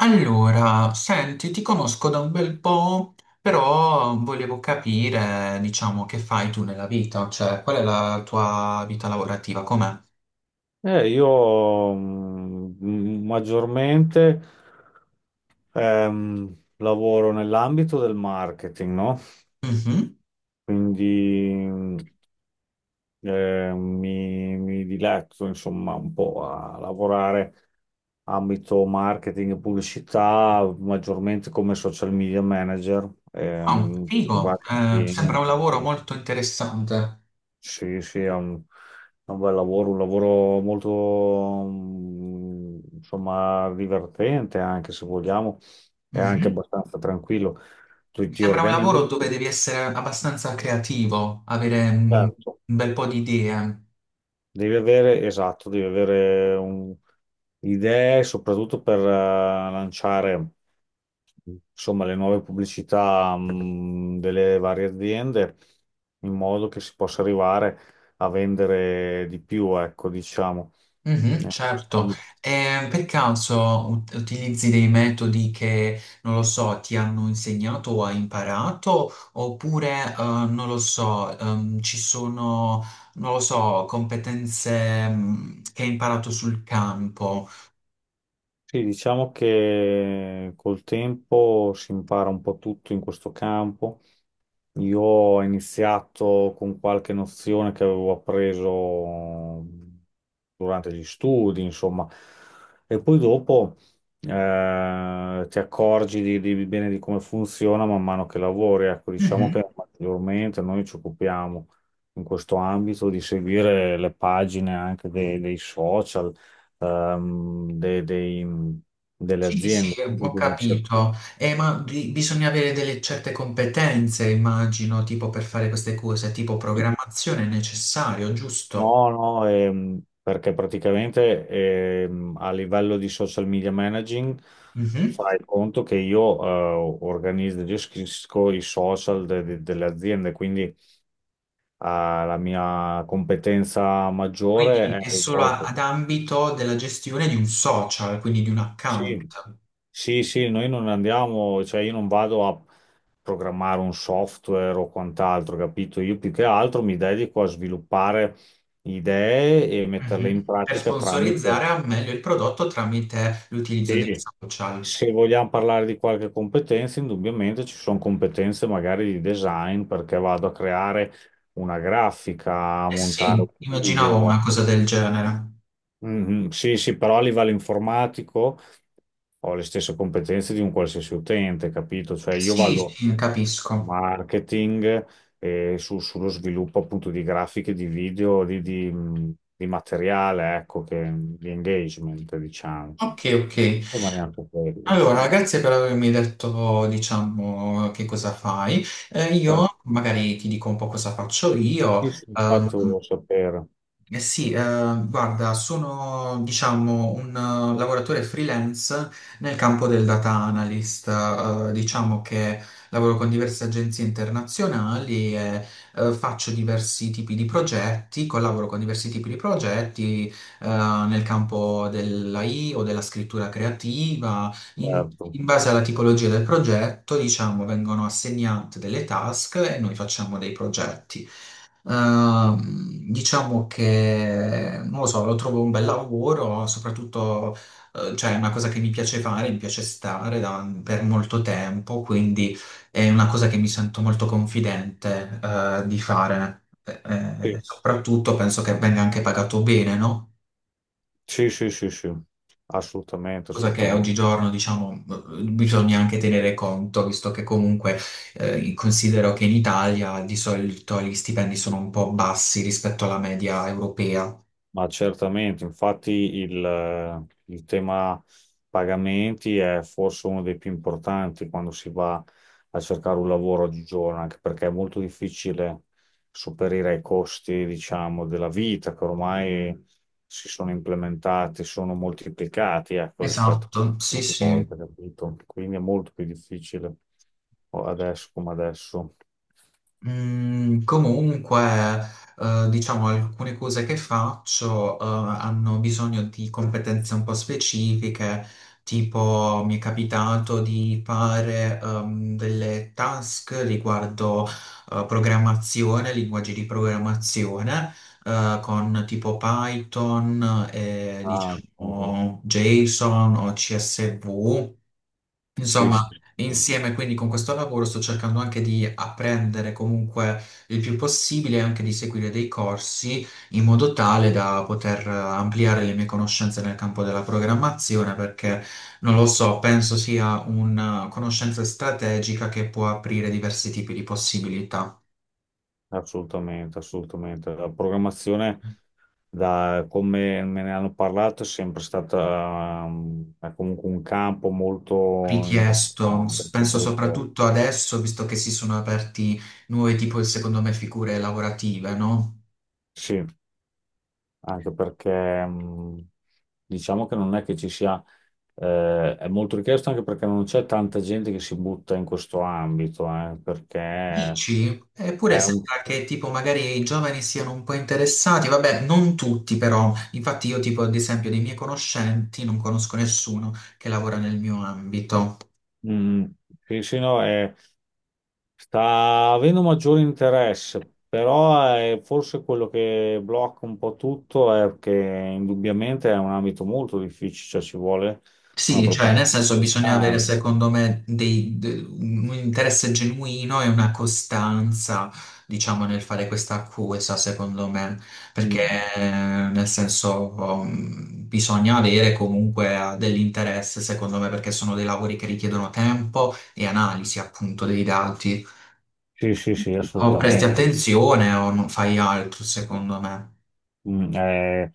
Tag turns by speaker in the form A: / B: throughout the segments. A: Allora, senti, ti conosco da un bel po', però volevo capire, diciamo, che fai tu nella vita, cioè qual è la tua vita lavorativa, com'è?
B: Io maggiormente lavoro nell'ambito del marketing, no?
A: Mhm.
B: Quindi mi diletto insomma un po' a lavorare ambito marketing e pubblicità, maggiormente come social media manager,
A: Oh,
B: con
A: figo.
B: vari
A: Sembra
B: impegni.
A: un lavoro molto interessante.
B: Sì, sì, è un bel lavoro, un lavoro molto, insomma, divertente anche se vogliamo, è anche
A: Mhm.
B: abbastanza tranquillo. Tu
A: Mi
B: ti
A: sembra un
B: organizzi,
A: lavoro dove devi essere abbastanza creativo, avere
B: certo.
A: un bel po' di idee.
B: Devi avere, esatto, idee soprattutto per lanciare insomma, le nuove pubblicità delle varie aziende in modo che si possa arrivare a vendere di più, ecco, diciamo.
A: Mhm, certo.
B: Eh,
A: Per caso utilizzi dei metodi che, non lo so, ti hanno insegnato o hai imparato, oppure, non lo so, ci sono, non lo so, competenze, che hai imparato sul campo.
B: Sì, diciamo che col tempo si impara un po' tutto in questo campo. Io ho iniziato con qualche nozione che avevo appreso durante gli studi, insomma, e poi dopo ti accorgi bene di come funziona man mano che lavori. Ecco, diciamo
A: Mhm.
B: che maggiormente noi ci occupiamo in questo ambito di seguire le pagine anche dei social, ehm, de- dei- delle
A: Sì,
B: aziende.
A: sì,
B: Quindi
A: ho
B: devi cercare.
A: capito. Ma bisogna avere delle certe competenze, immagino, tipo per fare queste cose, tipo programmazione è necessario, giusto?
B: No, no, perché praticamente a livello di social media managing fai conto che io organizzo, io gestisco i social delle aziende, quindi la mia competenza maggiore
A: Quindi
B: è
A: è solo
B: rivolta.
A: ad ambito della gestione di un social, quindi di un
B: Sì,
A: account.
B: sì, sì, noi non andiamo, cioè io non vado a programmare un software o quant'altro, capito? Io più che altro mi dedico a sviluppare idee e metterle
A: Mhm.
B: in
A: Per
B: pratica tramite.
A: sponsorizzare al meglio il prodotto tramite l'utilizzo dei
B: Sì,
A: social.
B: se vogliamo parlare di qualche competenza, indubbiamente ci sono competenze magari di design perché vado a creare una grafica, a
A: Eh
B: montare
A: sì,
B: un
A: immaginavo una
B: video.
A: cosa del genere.
B: Mhm. Sì, sì, però a livello informatico ho le stesse competenze di un qualsiasi utente, capito? Cioè io
A: Sì,
B: vado
A: sì,
B: in
A: capisco.
B: marketing e sullo sviluppo appunto di grafiche, di video, di materiale, ecco, che, di engagement, diciamo.
A: Ok, ok.
B: E ma neanche quello, insomma.
A: Allora, grazie per avermi detto, diciamo, che cosa fai. Io magari ti dico un po' cosa faccio io.
B: Sì, sì, infatti volevo sapere,
A: Eh sì, guarda, sono diciamo un lavoratore freelance nel campo del data analyst, diciamo che lavoro con diverse agenzie internazionali e faccio diversi tipi di progetti, collaboro con diversi tipi di progetti, nel campo dell'AI o della scrittura creativa. In,
B: certo.
A: in base alla tipologia del progetto, diciamo, vengono assegnate delle task e noi facciamo dei progetti. Diciamo che, non lo so, lo trovo un bel lavoro, soprattutto, cioè è una cosa che mi piace fare, mi piace stare per molto tempo, quindi è una cosa che mi sento molto confidente, di fare.
B: Sì,
A: Soprattutto penso che venga anche pagato bene, no?
B: sì, sì, sì, sì. Assolutamente,
A: Cosa che
B: assolutamente.
A: oggigiorno, diciamo, bisogna anche tenere conto, visto che comunque considero che in Italia di solito gli stipendi sono un po' bassi rispetto alla media europea.
B: Ma certamente, infatti il tema pagamenti è forse uno dei più importanti quando si va a cercare un lavoro oggigiorno, anche perché è molto difficile superare i costi, diciamo, della vita che ormai si sono implementati, sono moltiplicati, ecco, rispetto a
A: Esatto, sì,
B: una
A: sì.
B: volta, capito? Quindi è molto più difficile adesso come adesso.
A: Mm, comunque, diciamo, alcune cose che faccio, hanno bisogno di competenze un po' specifiche, tipo mi è capitato di fare, delle task riguardo, programmazione, linguaggi di programmazione, con tipo Python e,
B: Ah, oh,
A: diciamo, JSON o CSV.
B: sì, sì,
A: Insomma,
B: sì.
A: insieme quindi con questo lavoro sto cercando anche di apprendere comunque il più possibile e anche di seguire dei corsi in modo tale da poter ampliare le mie conoscenze nel campo della programmazione, perché non lo so, penso sia una conoscenza strategica che può aprire diversi tipi di possibilità.
B: Assolutamente, assolutamente. La programmazione, da come me ne hanno parlato, è sempre stata è comunque un campo molto
A: Richiesto,
B: importante, molto
A: penso
B: richiesto.
A: soprattutto adesso, visto che si sono aperti nuove tipo, secondo me, figure lavorative, no?
B: Sì, anche perché diciamo che non è che ci sia, è molto richiesto anche perché non c'è tanta gente che si butta in questo ambito, perché
A: Dici? Eppure
B: è un,
A: sembra che tipo magari i giovani siano un po' interessati, vabbè, non tutti, però, infatti io tipo ad esempio dei miei conoscenti non conosco nessuno che lavora nel mio ambito.
B: mm, sì, sì, no, è. Sta avendo maggiore interesse, però è forse quello che blocca un po' tutto è che indubbiamente è un ambito molto difficile, cioè ci vuole una
A: Sì, cioè nel
B: preparazione
A: senso bisogna avere
B: importante.
A: secondo me un interesse genuino e una costanza, diciamo, nel fare questa accusa, secondo me, perché
B: Mm, mm.
A: eh, nel senso bisogna avere comunque dell'interesse, secondo me, perché sono dei lavori che richiedono tempo e analisi appunto dei dati.
B: Sì, sì, sì,
A: O presti
B: assolutamente.
A: attenzione o non fai altro, secondo me.
B: Mm, eh,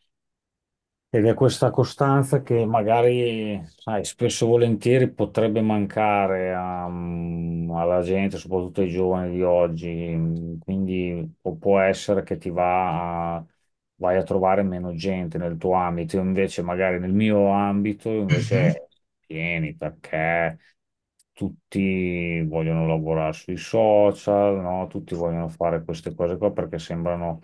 B: Ed è questa costanza che magari, sai, spesso e volentieri potrebbe mancare alla gente, soprattutto ai giovani di oggi. Quindi o può essere che vai a trovare meno gente nel tuo ambito. Io invece, magari nel mio ambito, invece è pieni perché tutti vogliono lavorare sui social, no? Tutti vogliono fare queste cose qua perché sembrano,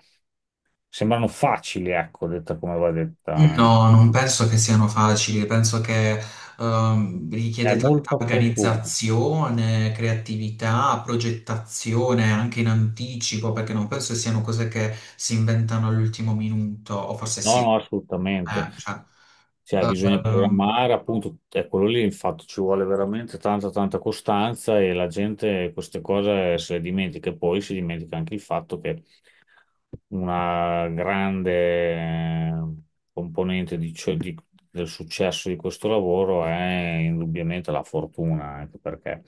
B: sembrano facili, ecco, detta come va detta.
A: No, non penso che siano facili, penso che
B: È
A: richiede tanta
B: molto opportuno.
A: organizzazione, creatività, progettazione anche in anticipo, perché non penso che siano cose che si inventano all'ultimo minuto, o forse
B: No,
A: sì.
B: no, assolutamente.
A: Eh, cioè,
B: Cioè, bisogna
A: ehm,
B: programmare, appunto, è quello lì, infatti, ci vuole veramente tanta, tanta costanza e la gente queste cose se le dimentica. E poi si dimentica anche il fatto che una grande eh, componente del successo di questo lavoro è indubbiamente la fortuna, anche perché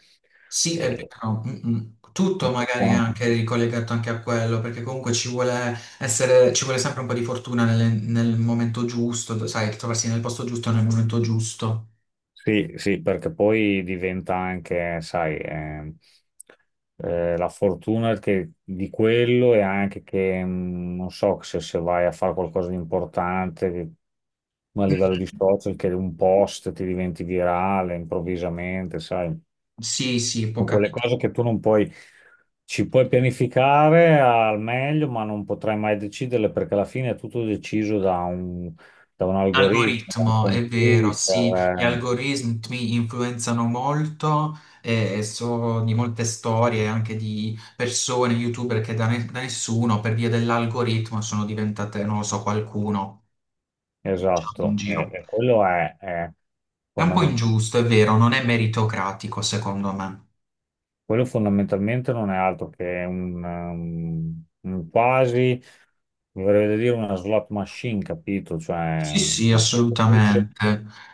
A: sì, è
B: eh,
A: vero. Mm, mm. Tutto
B: per
A: magari è
B: quanto
A: anche ricollegato anche a quello, perché comunque ci vuole sempre un po' di fortuna nel momento giusto, sai, trovarsi nel posto giusto nel momento giusto.
B: sì, sì, perché poi diventa anche, sai, la fortuna di quello e anche che, non so, se vai a fare qualcosa di importante, ma a livello di social, che un post ti diventi virale improvvisamente, sai.
A: Sì, sì, può
B: Sono quelle
A: capitare.
B: cose che tu non puoi, ci puoi pianificare al meglio, ma non potrai mai deciderle perché alla fine è tutto deciso da un algoritmo, da un
A: Algoritmo, è vero, sì,
B: computer.
A: gli
B: Eh.
A: algoritmi influenzano molto, so di molte storie anche di persone, youtuber che da, da nessuno per via dell'algoritmo sono diventate, non lo so, qualcuno, diciamo, in
B: Esatto,
A: giro.
B: e quello è,
A: È un po'
B: fondamen-
A: ingiusto, è vero, non è meritocratico secondo me.
B: quello fondamentalmente non è altro che un, un quasi, mi verrebbe da dire, una slot machine, capito?
A: Sì,
B: Cioè,
A: sì,
B: le stesse,
A: assolutamente.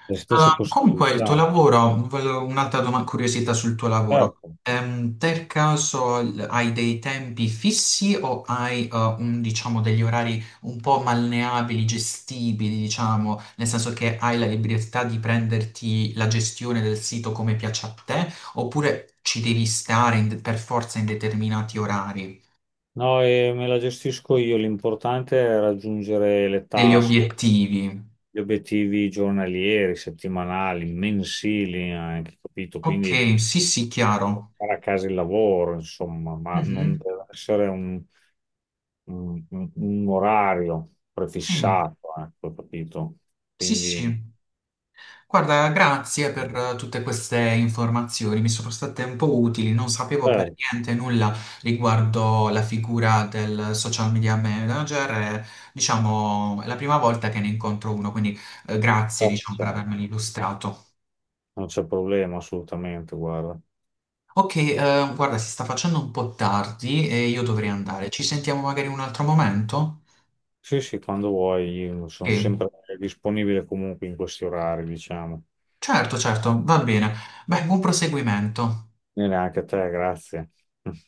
B: le stesse
A: Comunque, il tuo
B: possibilità.
A: lavoro, volevo un'altra domanda, curiosità sul tuo lavoro.
B: Certo.
A: Per caso hai dei tempi fissi o hai un, diciamo, degli orari un po' malleabili, gestibili, diciamo, nel senso che hai la libertà di prenderti la gestione del sito come piace a te, oppure ci devi stare per forza in determinati orari,
B: No, e me la gestisco io, l'importante è raggiungere le
A: degli
B: task,
A: obiettivi?
B: gli obiettivi giornalieri, settimanali, mensili anche, capito? Quindi
A: Ok, sì, sì, chiaro.
B: portare a casa il lavoro, insomma, ma non
A: Mhm.
B: deve essere un orario
A: Sì.
B: prefissato, ecco, capito?
A: Sì, sì,
B: Quindi,
A: sì. Guarda, grazie per tutte queste informazioni, mi sono state un po' utili, non sapevo per
B: certo,
A: niente nulla riguardo la figura del social media manager, e, diciamo, è la prima volta che ne incontro uno, quindi grazie,
B: certo,
A: diciamo, per
B: certo.
A: avermelo illustrato.
B: Non c'è problema assolutamente, guarda.
A: Ok, guarda, si sta facendo un po' tardi e io dovrei andare. Ci sentiamo magari in un altro momento?
B: Sì, sì, quando vuoi, io sono
A: Ok,
B: sempre disponibile comunque in questi orari, diciamo.
A: certo, certo, va bene. Beh, buon proseguimento.
B: E neanche a te, grazie.